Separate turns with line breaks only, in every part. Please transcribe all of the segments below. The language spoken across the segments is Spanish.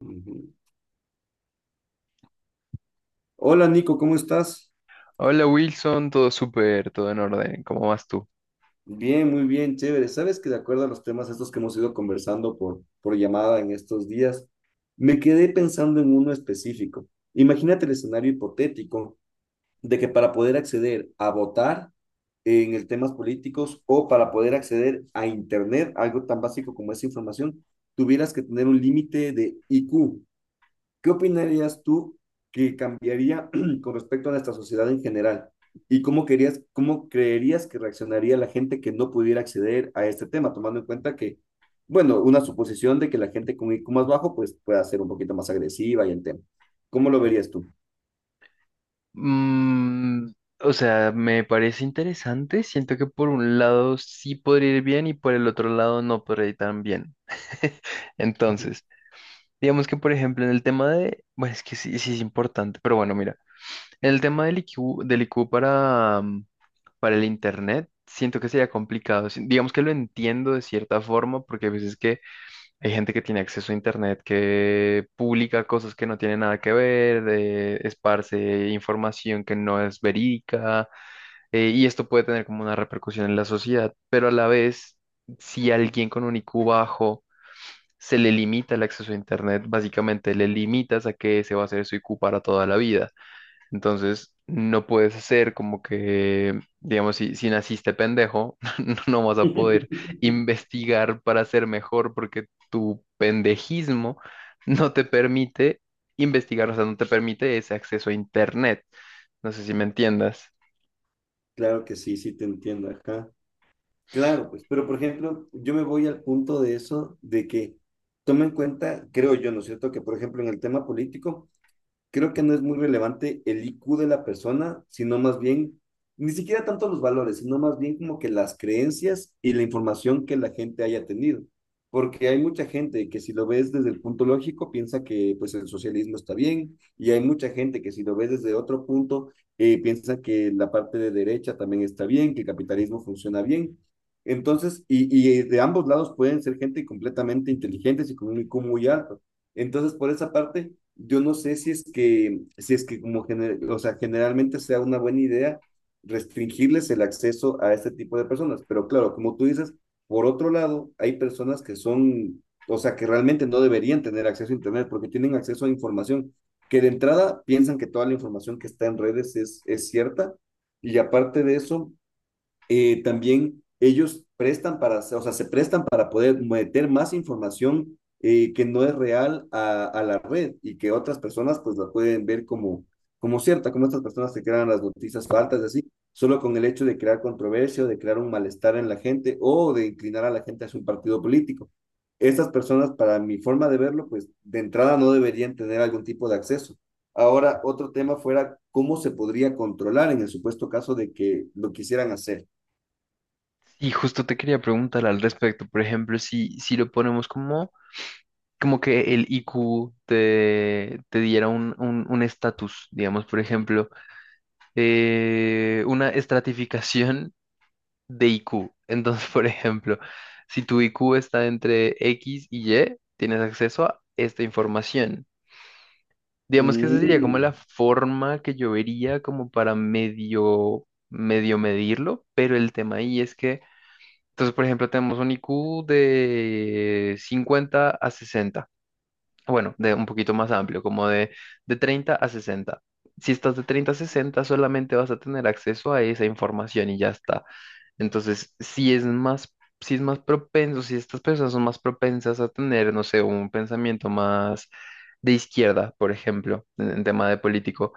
Ujú. Hola Nico, ¿cómo estás?
Hola Wilson, todo súper, todo en orden, ¿cómo vas tú?
Bien, muy bien, chévere. Sabes que de acuerdo a los temas estos que hemos ido conversando por llamada en estos días, me quedé pensando en uno específico. Imagínate el escenario hipotético de que para poder acceder a votar en el temas políticos o para poder acceder a Internet, algo tan básico como esa información, tuvieras que tener un límite de IQ. ¿Qué opinarías tú que cambiaría con respecto a nuestra sociedad en general? ¿Y cómo querías, cómo creerías que reaccionaría la gente que no pudiera acceder a este tema, tomando en cuenta que, bueno, una suposición de que la gente con IQ más bajo pues pueda ser un poquito más agresiva y el tema. ¿Cómo lo verías tú?
Mm, o sea, me parece interesante, siento que por un lado sí podría ir bien y por el otro lado no podría ir tan bien.
Ujú.
Entonces, digamos que por ejemplo en el tema de, bueno, es que sí, sí es importante, pero bueno, mira, en el tema del IQ para, para el Internet, siento que sería complicado, digamos que lo entiendo de cierta forma porque a veces que hay gente que tiene acceso a internet que publica cosas que no tienen nada que ver, esparce información que no es verídica, y esto puede tener como una repercusión en la sociedad, pero a la vez, si alguien con un IQ bajo se le limita el acceso a internet, básicamente le limitas a que ese va a ser su IQ para toda la vida. Entonces, no puedes hacer como que, digamos, si, si naciste pendejo, no no vas a poder investigar para ser mejor porque tu pendejismo no te permite investigar, o sea, no te permite ese acceso a Internet. No sé si me entiendas.
Claro que sí, sí te entiendo, ajá. Claro, pues, pero por ejemplo, yo me voy al punto de eso, de que toma en cuenta, creo yo, ¿no es cierto?, que por ejemplo en el tema político, creo que no es muy relevante el IQ de la persona, sino más bien, ni siquiera tanto los valores, sino más bien como que las creencias y la información que la gente haya tenido. Porque hay mucha gente que si lo ves desde el punto lógico piensa que pues el socialismo está bien y hay mucha gente que si lo ves desde otro punto piensa que la parte de derecha también está bien, que el capitalismo funciona bien. Entonces, y de ambos lados pueden ser gente completamente inteligentes y con un IQ muy alto entonces, por esa parte, yo no sé si es que, si es que o sea, generalmente sea una buena idea restringirles el acceso a este tipo de personas. Pero claro, como tú dices, por otro lado, hay personas que son, o sea, que realmente no deberían tener acceso a Internet porque tienen acceso a información que de entrada piensan que toda la información que está en redes es cierta. Y aparte de eso, también ellos prestan para, o sea, se prestan para poder meter más información que no es real la red y que otras personas pues la pueden ver como, como cierta, como estas personas que crean las noticias falsas así, solo con el hecho de crear controversia o de crear un malestar en la gente o de inclinar a la gente hacia un partido político. Estas personas, para mi forma de verlo, pues de entrada no deberían tener algún tipo de acceso. Ahora, otro tema fuera cómo se podría controlar en el supuesto caso de que lo quisieran hacer.
Y justo te quería preguntar al respecto, por ejemplo, si, si lo ponemos como, como que el IQ te diera un estatus, digamos, por ejemplo una estratificación de IQ. Entonces, por ejemplo, si tu IQ está entre X y Y, tienes acceso a esta información. Digamos que esa sería como
Mm,
la forma que yo vería como para medio, medio medirlo, pero el tema ahí es que, entonces, por ejemplo, tenemos un IQ de 50 a 60, bueno, de un poquito más amplio, como de 30 a 60. Si estás de 30 a 60, solamente vas a tener acceso a esa información y ya está. Entonces, si es más, si es más propenso, si estas personas son más propensas a tener, no sé, un pensamiento más de izquierda, por ejemplo, en tema de político,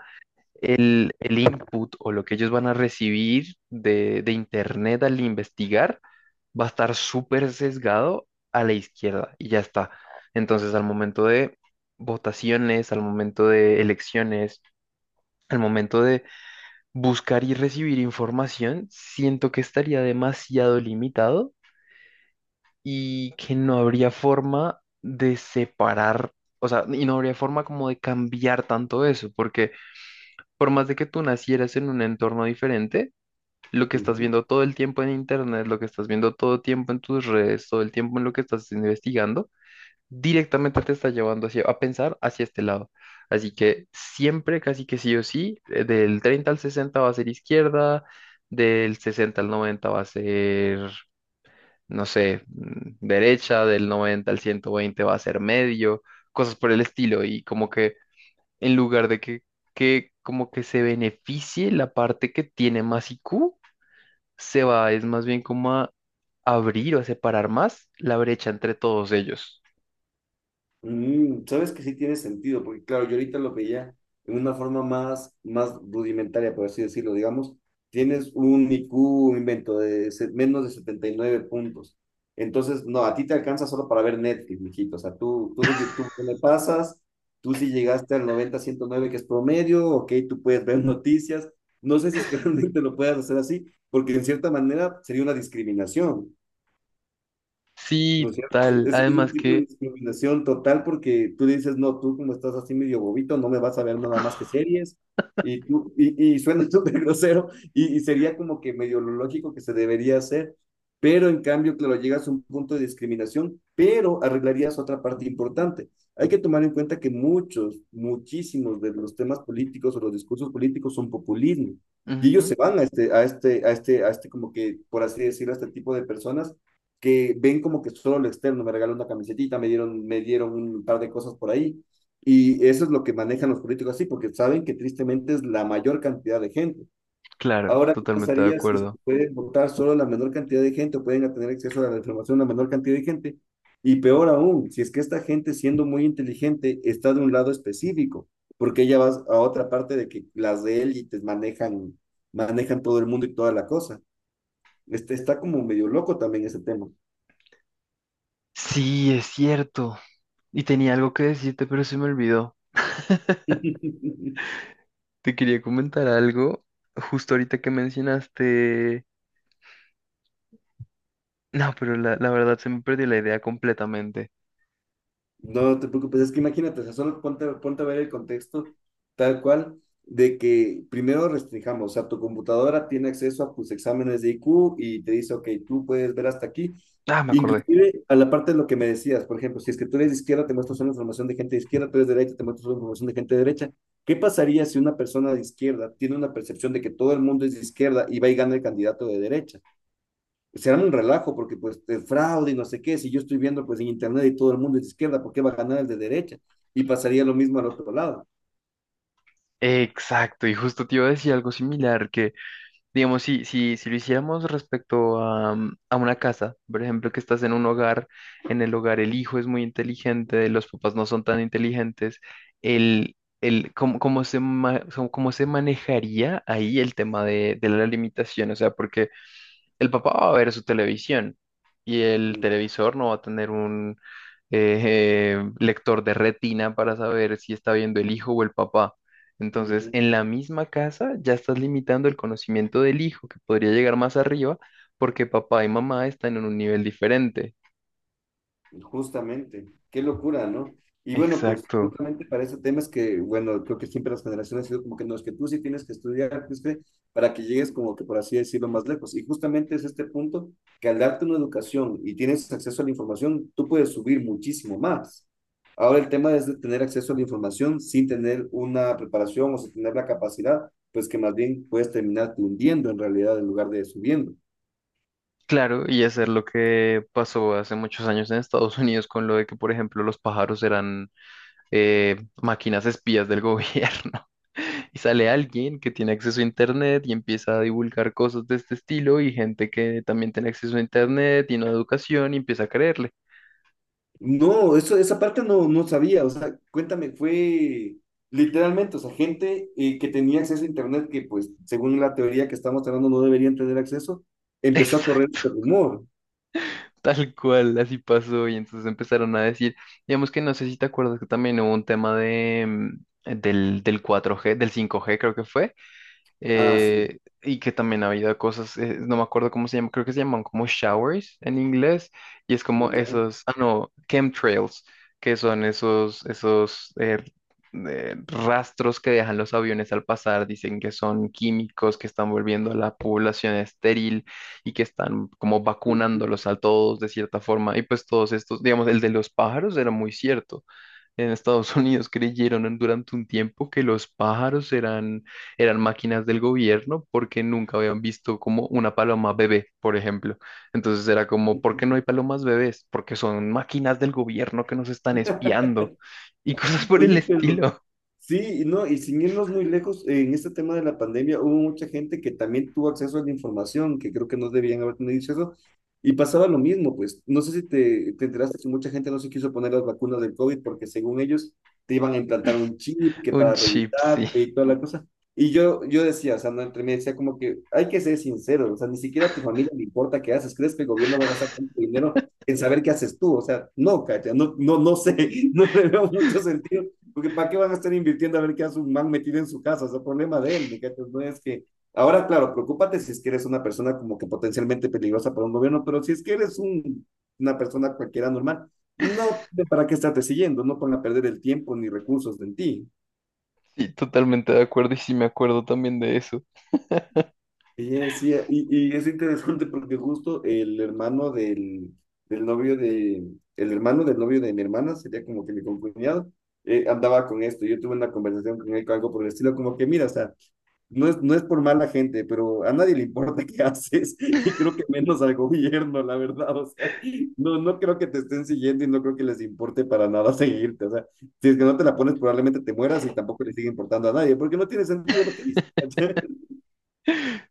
el input o lo que ellos van a recibir de internet al investigar va a estar súper sesgado a la izquierda y ya está. Entonces, al momento de votaciones, al momento de elecciones, al momento de buscar y recibir información, siento que estaría demasiado limitado y que no habría forma de separar. O sea, y no habría forma como de cambiar tanto eso, porque por más de que tú nacieras en un entorno diferente, lo que estás
ujú,
viendo todo el tiempo en internet, lo que estás viendo todo el tiempo en tus redes, todo el tiempo en lo que estás investigando, directamente te está llevando a pensar hacia este lado. Así que siempre, casi que sí o sí, del 30 al 60 va a ser izquierda, del 60 al 90 va a ser, no sé, derecha, del 90 al 120 va a ser medio, cosas por el estilo. Y como que en lugar de que como que se beneficie la parte que tiene más IQ, se va es más bien como a abrir o a separar más la brecha entre todos ellos.
sabes que sí tiene sentido, porque claro, yo ahorita lo veía en una forma más rudimentaria, por así decirlo, digamos, tienes un IQ, un invento de menos de 79 puntos. Entonces, no, a ti te alcanza solo para ver Netflix, mijito. O sea, tú de YouTube no le pasas, tú si llegaste al 90 109 que es promedio, ok, tú puedes ver noticias. No sé si es que realmente lo puedas hacer así, porque en cierta manera sería una discriminación. ¿No
Sí,
es cierto?
total.
Es un
Además
tipo de
que,
discriminación total porque tú dices, no, tú como estás así medio bobito, no me vas a ver nada más que series. Y suena súper grosero y sería como que medio lo lógico que se debería hacer. Pero en cambio, claro, llegas a un punto de discriminación, pero arreglarías otra parte importante. Hay que tomar en cuenta que muchos, muchísimos de los temas políticos o los discursos políticos son populismo. Y ellos
ujú,
se van a este, como que, por así decirlo, a este tipo de personas que ven como que solo lo externo, me regaló una camisetita, me dieron un par de cosas por ahí. Y eso es lo que manejan los políticos así, porque saben que tristemente es la mayor cantidad de gente.
claro,
Ahora, ¿qué
totalmente de
pasaría si se
acuerdo.
puede votar solo la menor cantidad de gente o pueden tener acceso a la información la menor cantidad de gente? Y peor aún, si es que esta gente, siendo muy inteligente, está de un lado específico, porque ella va a otra parte de que las de élites manejan todo el mundo y toda la cosa. Este, está como medio loco también ese tema.
Sí, es cierto. Y tenía algo que decirte, pero se me olvidó. Te quería comentar algo justo ahorita que mencionaste. No, pero la verdad se me perdió la idea completamente.
No te preocupes, es que imagínate, o sea, ponte a ver el contexto tal cual de que primero restringamos, o sea, tu computadora tiene acceso a tus exámenes de IQ y te dice, ok, tú puedes ver hasta aquí.
Ah, me acordé.
Inclusive a la parte de lo que me decías, por ejemplo, si es que tú eres de izquierda, te muestra solo información de gente de izquierda, tú eres de derecha, te muestra solo información de gente de derecha. ¿Qué pasaría si una persona de izquierda tiene una percepción de que todo el mundo es de izquierda y va y gana el candidato de derecha? Será un relajo porque pues de fraude y no sé qué, si yo estoy viendo pues en internet y todo el mundo es de izquierda, ¿por qué va a ganar el de derecha? Y pasaría lo mismo al otro lado.
Exacto, y justo te iba a decir algo similar, que digamos, si, si, si lo hiciéramos respecto a una casa, por ejemplo, que estás en un hogar, en el hogar el hijo es muy inteligente, los papás no son tan inteligentes, el, el, ¿cómo, cómo se, ma- Cómo se manejaría ahí el tema de la limitación? O sea, porque el papá va a ver su televisión y el
Mm.
televisor no va a tener un eh, lector de retina para saber si está viendo el hijo o el papá. Entonces,
Ujú.
en la misma casa ya estás limitando el conocimiento del hijo, que podría llegar más arriba, porque papá y mamá están en un nivel diferente.
Justamente, qué locura, ¿no? Y bueno, pues
Exacto.
justamente para ese tema es que, bueno, creo que siempre las generaciones han sido como que no, es que tú sí tienes que estudiar, pues, que para que llegues como que, por así decirlo, más lejos. Y justamente es este punto que al darte una educación y tienes acceso a la información, tú puedes subir muchísimo más. Ahora el tema es de tener acceso a la información sin tener una preparación o sin tener la capacidad, pues que más bien puedes terminarte hundiendo en realidad en lugar de subiendo.
Claro, y hacer lo que pasó hace muchos años en Estados Unidos con lo de que, por ejemplo, los pájaros eran máquinas espías del gobierno. Y sale alguien que tiene acceso a internet y empieza a divulgar cosas de este estilo y gente que también tiene acceso a internet y no a educación y empieza a creerle.
No, eso, esa parte no sabía, o sea, cuéntame, fue literalmente, o sea, gente que tenía acceso a internet, que pues según la teoría que estamos hablando no deberían tener acceso, empezó a correr
Exacto,
este rumor.
tal cual, así pasó y entonces empezaron a decir, digamos que no sé si te acuerdas que también hubo un tema de, del 4G, del 5G creo que fue,
Ah, sí.
y que también había cosas, no me acuerdo cómo se llama, creo que se llaman como showers en inglés, y es como
Ya.
esos, ah no, chemtrails, que son esos, rastros que dejan los aviones al pasar, dicen que son químicos, que están volviendo a la población estéril y que están como vacunándolos a todos de cierta forma, y pues todos estos, digamos, el de los pájaros era muy cierto, en Estados Unidos creyeron durante un tiempo que los pájaros eran, eran máquinas del gobierno porque nunca habían visto como una paloma bebé, por ejemplo. Entonces era como, ¿por qué no hay palomas bebés? Porque son máquinas del gobierno que nos están espiando y cosas por el
Oye, pero
estilo.
sí, y no, y sin irnos muy lejos, en este tema de la pandemia hubo mucha gente que también tuvo acceso a la información, que creo que no debían haber tenido acceso, y pasaba lo mismo, pues. No sé si te enteraste que mucha gente no se quiso poner las vacunas del COVID porque según ellos te iban a implantar un chip que
Un
para
chip, sí.
revisar y toda la cosa. Y yo decía, o sea, no, entre mí decía como que hay que ser sincero, o sea, ni siquiera a tu familia le importa qué haces, ¿crees que el gobierno va a gastar tanto dinero en saber qué haces tú? O sea, no, Katia, no, no, no sé, no le veo mucho sentido porque ¿para qué van a estar invirtiendo a ver qué hace un man metido en su casa? Es el problema de él, ¿me cachas? No es que... Ahora, claro, preocúpate si es que eres una persona como que potencialmente peligrosa para un gobierno, pero si es que eres una persona cualquiera normal, no tiene para qué estarte siguiendo, no ponga a perder el tiempo ni recursos en ti.
Sí, totalmente de acuerdo y sí me acuerdo también de eso.
Y es, y es interesante porque justo del novio de, el hermano del novio de mi hermana, sería como que mi concuñado, andaba con esto. Yo tuve una conversación con él, con algo por el estilo, como que mira, o sea, no es por mala gente, pero a nadie le importa qué haces y creo que menos al gobierno, la verdad. O sea, no, no creo que te estén siguiendo y no creo que les importe para nada seguirte. O sea, si es que no te la pones, probablemente te mueras y tampoco le sigue importando a nadie, porque no tiene sentido lo que dices. ¿Cachai?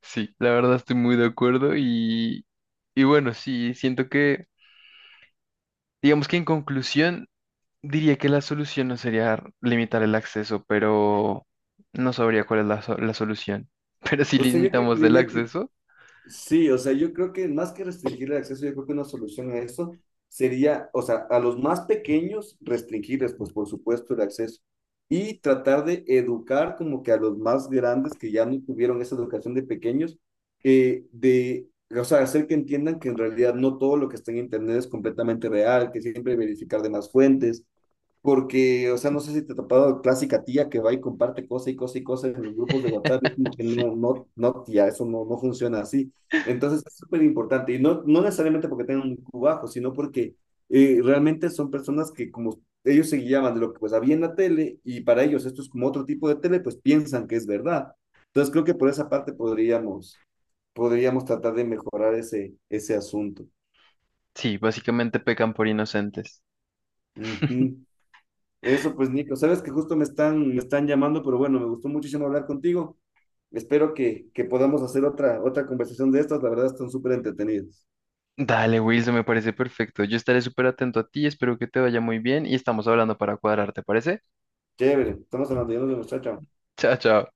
Sí, la verdad estoy muy de acuerdo y bueno, sí, siento que, digamos que en conclusión... Diría que la solución no sería limitar el acceso, pero no sabría cuál es la solución. Pero si
O sea, yo creo que
limitamos el
diría que
acceso,
sí, o sea, yo creo que más que restringir el acceso, yo creo que una solución a eso sería, o sea, a los más pequeños restringirles, pues por supuesto, el acceso y tratar de educar como que a los más grandes que ya no tuvieron esa educación de pequeños, eh, de, o sea, hacer que entiendan que en realidad no todo lo que está en Internet es completamente real, que siempre hay que verificar de más fuentes, porque, o sea, no sé si te ha topado clásica tía que va y comparte cosa y cosa y cosa en los grupos de WhatsApp, es como que
sí.
no, no, no, tía, eso no, no funciona así. Entonces es súper importante, y no, no necesariamente porque tengan un IQ bajo, sino porque realmente son personas que como ellos se guiaban de lo que pues había en la tele, y para ellos esto es como otro tipo de tele, pues piensan que es verdad. Entonces creo que por esa parte podríamos tratar de mejorar ese, ese asunto.
Sí, básicamente pecan por inocentes.
Ujú. Eso pues, Nico, sabes que justo me están llamando, pero bueno, me gustó muchísimo hablar contigo. Espero que podamos hacer otra conversación de estas. La verdad, están súper entretenidas.
Dale, Wilson, me parece perfecto. Yo estaré súper atento a ti, espero que te vaya muy bien y estamos hablando para cuadrar, ¿te parece?
Chévere, estamos hablando, ya nos vemos, chao, chao.
Chao, chao.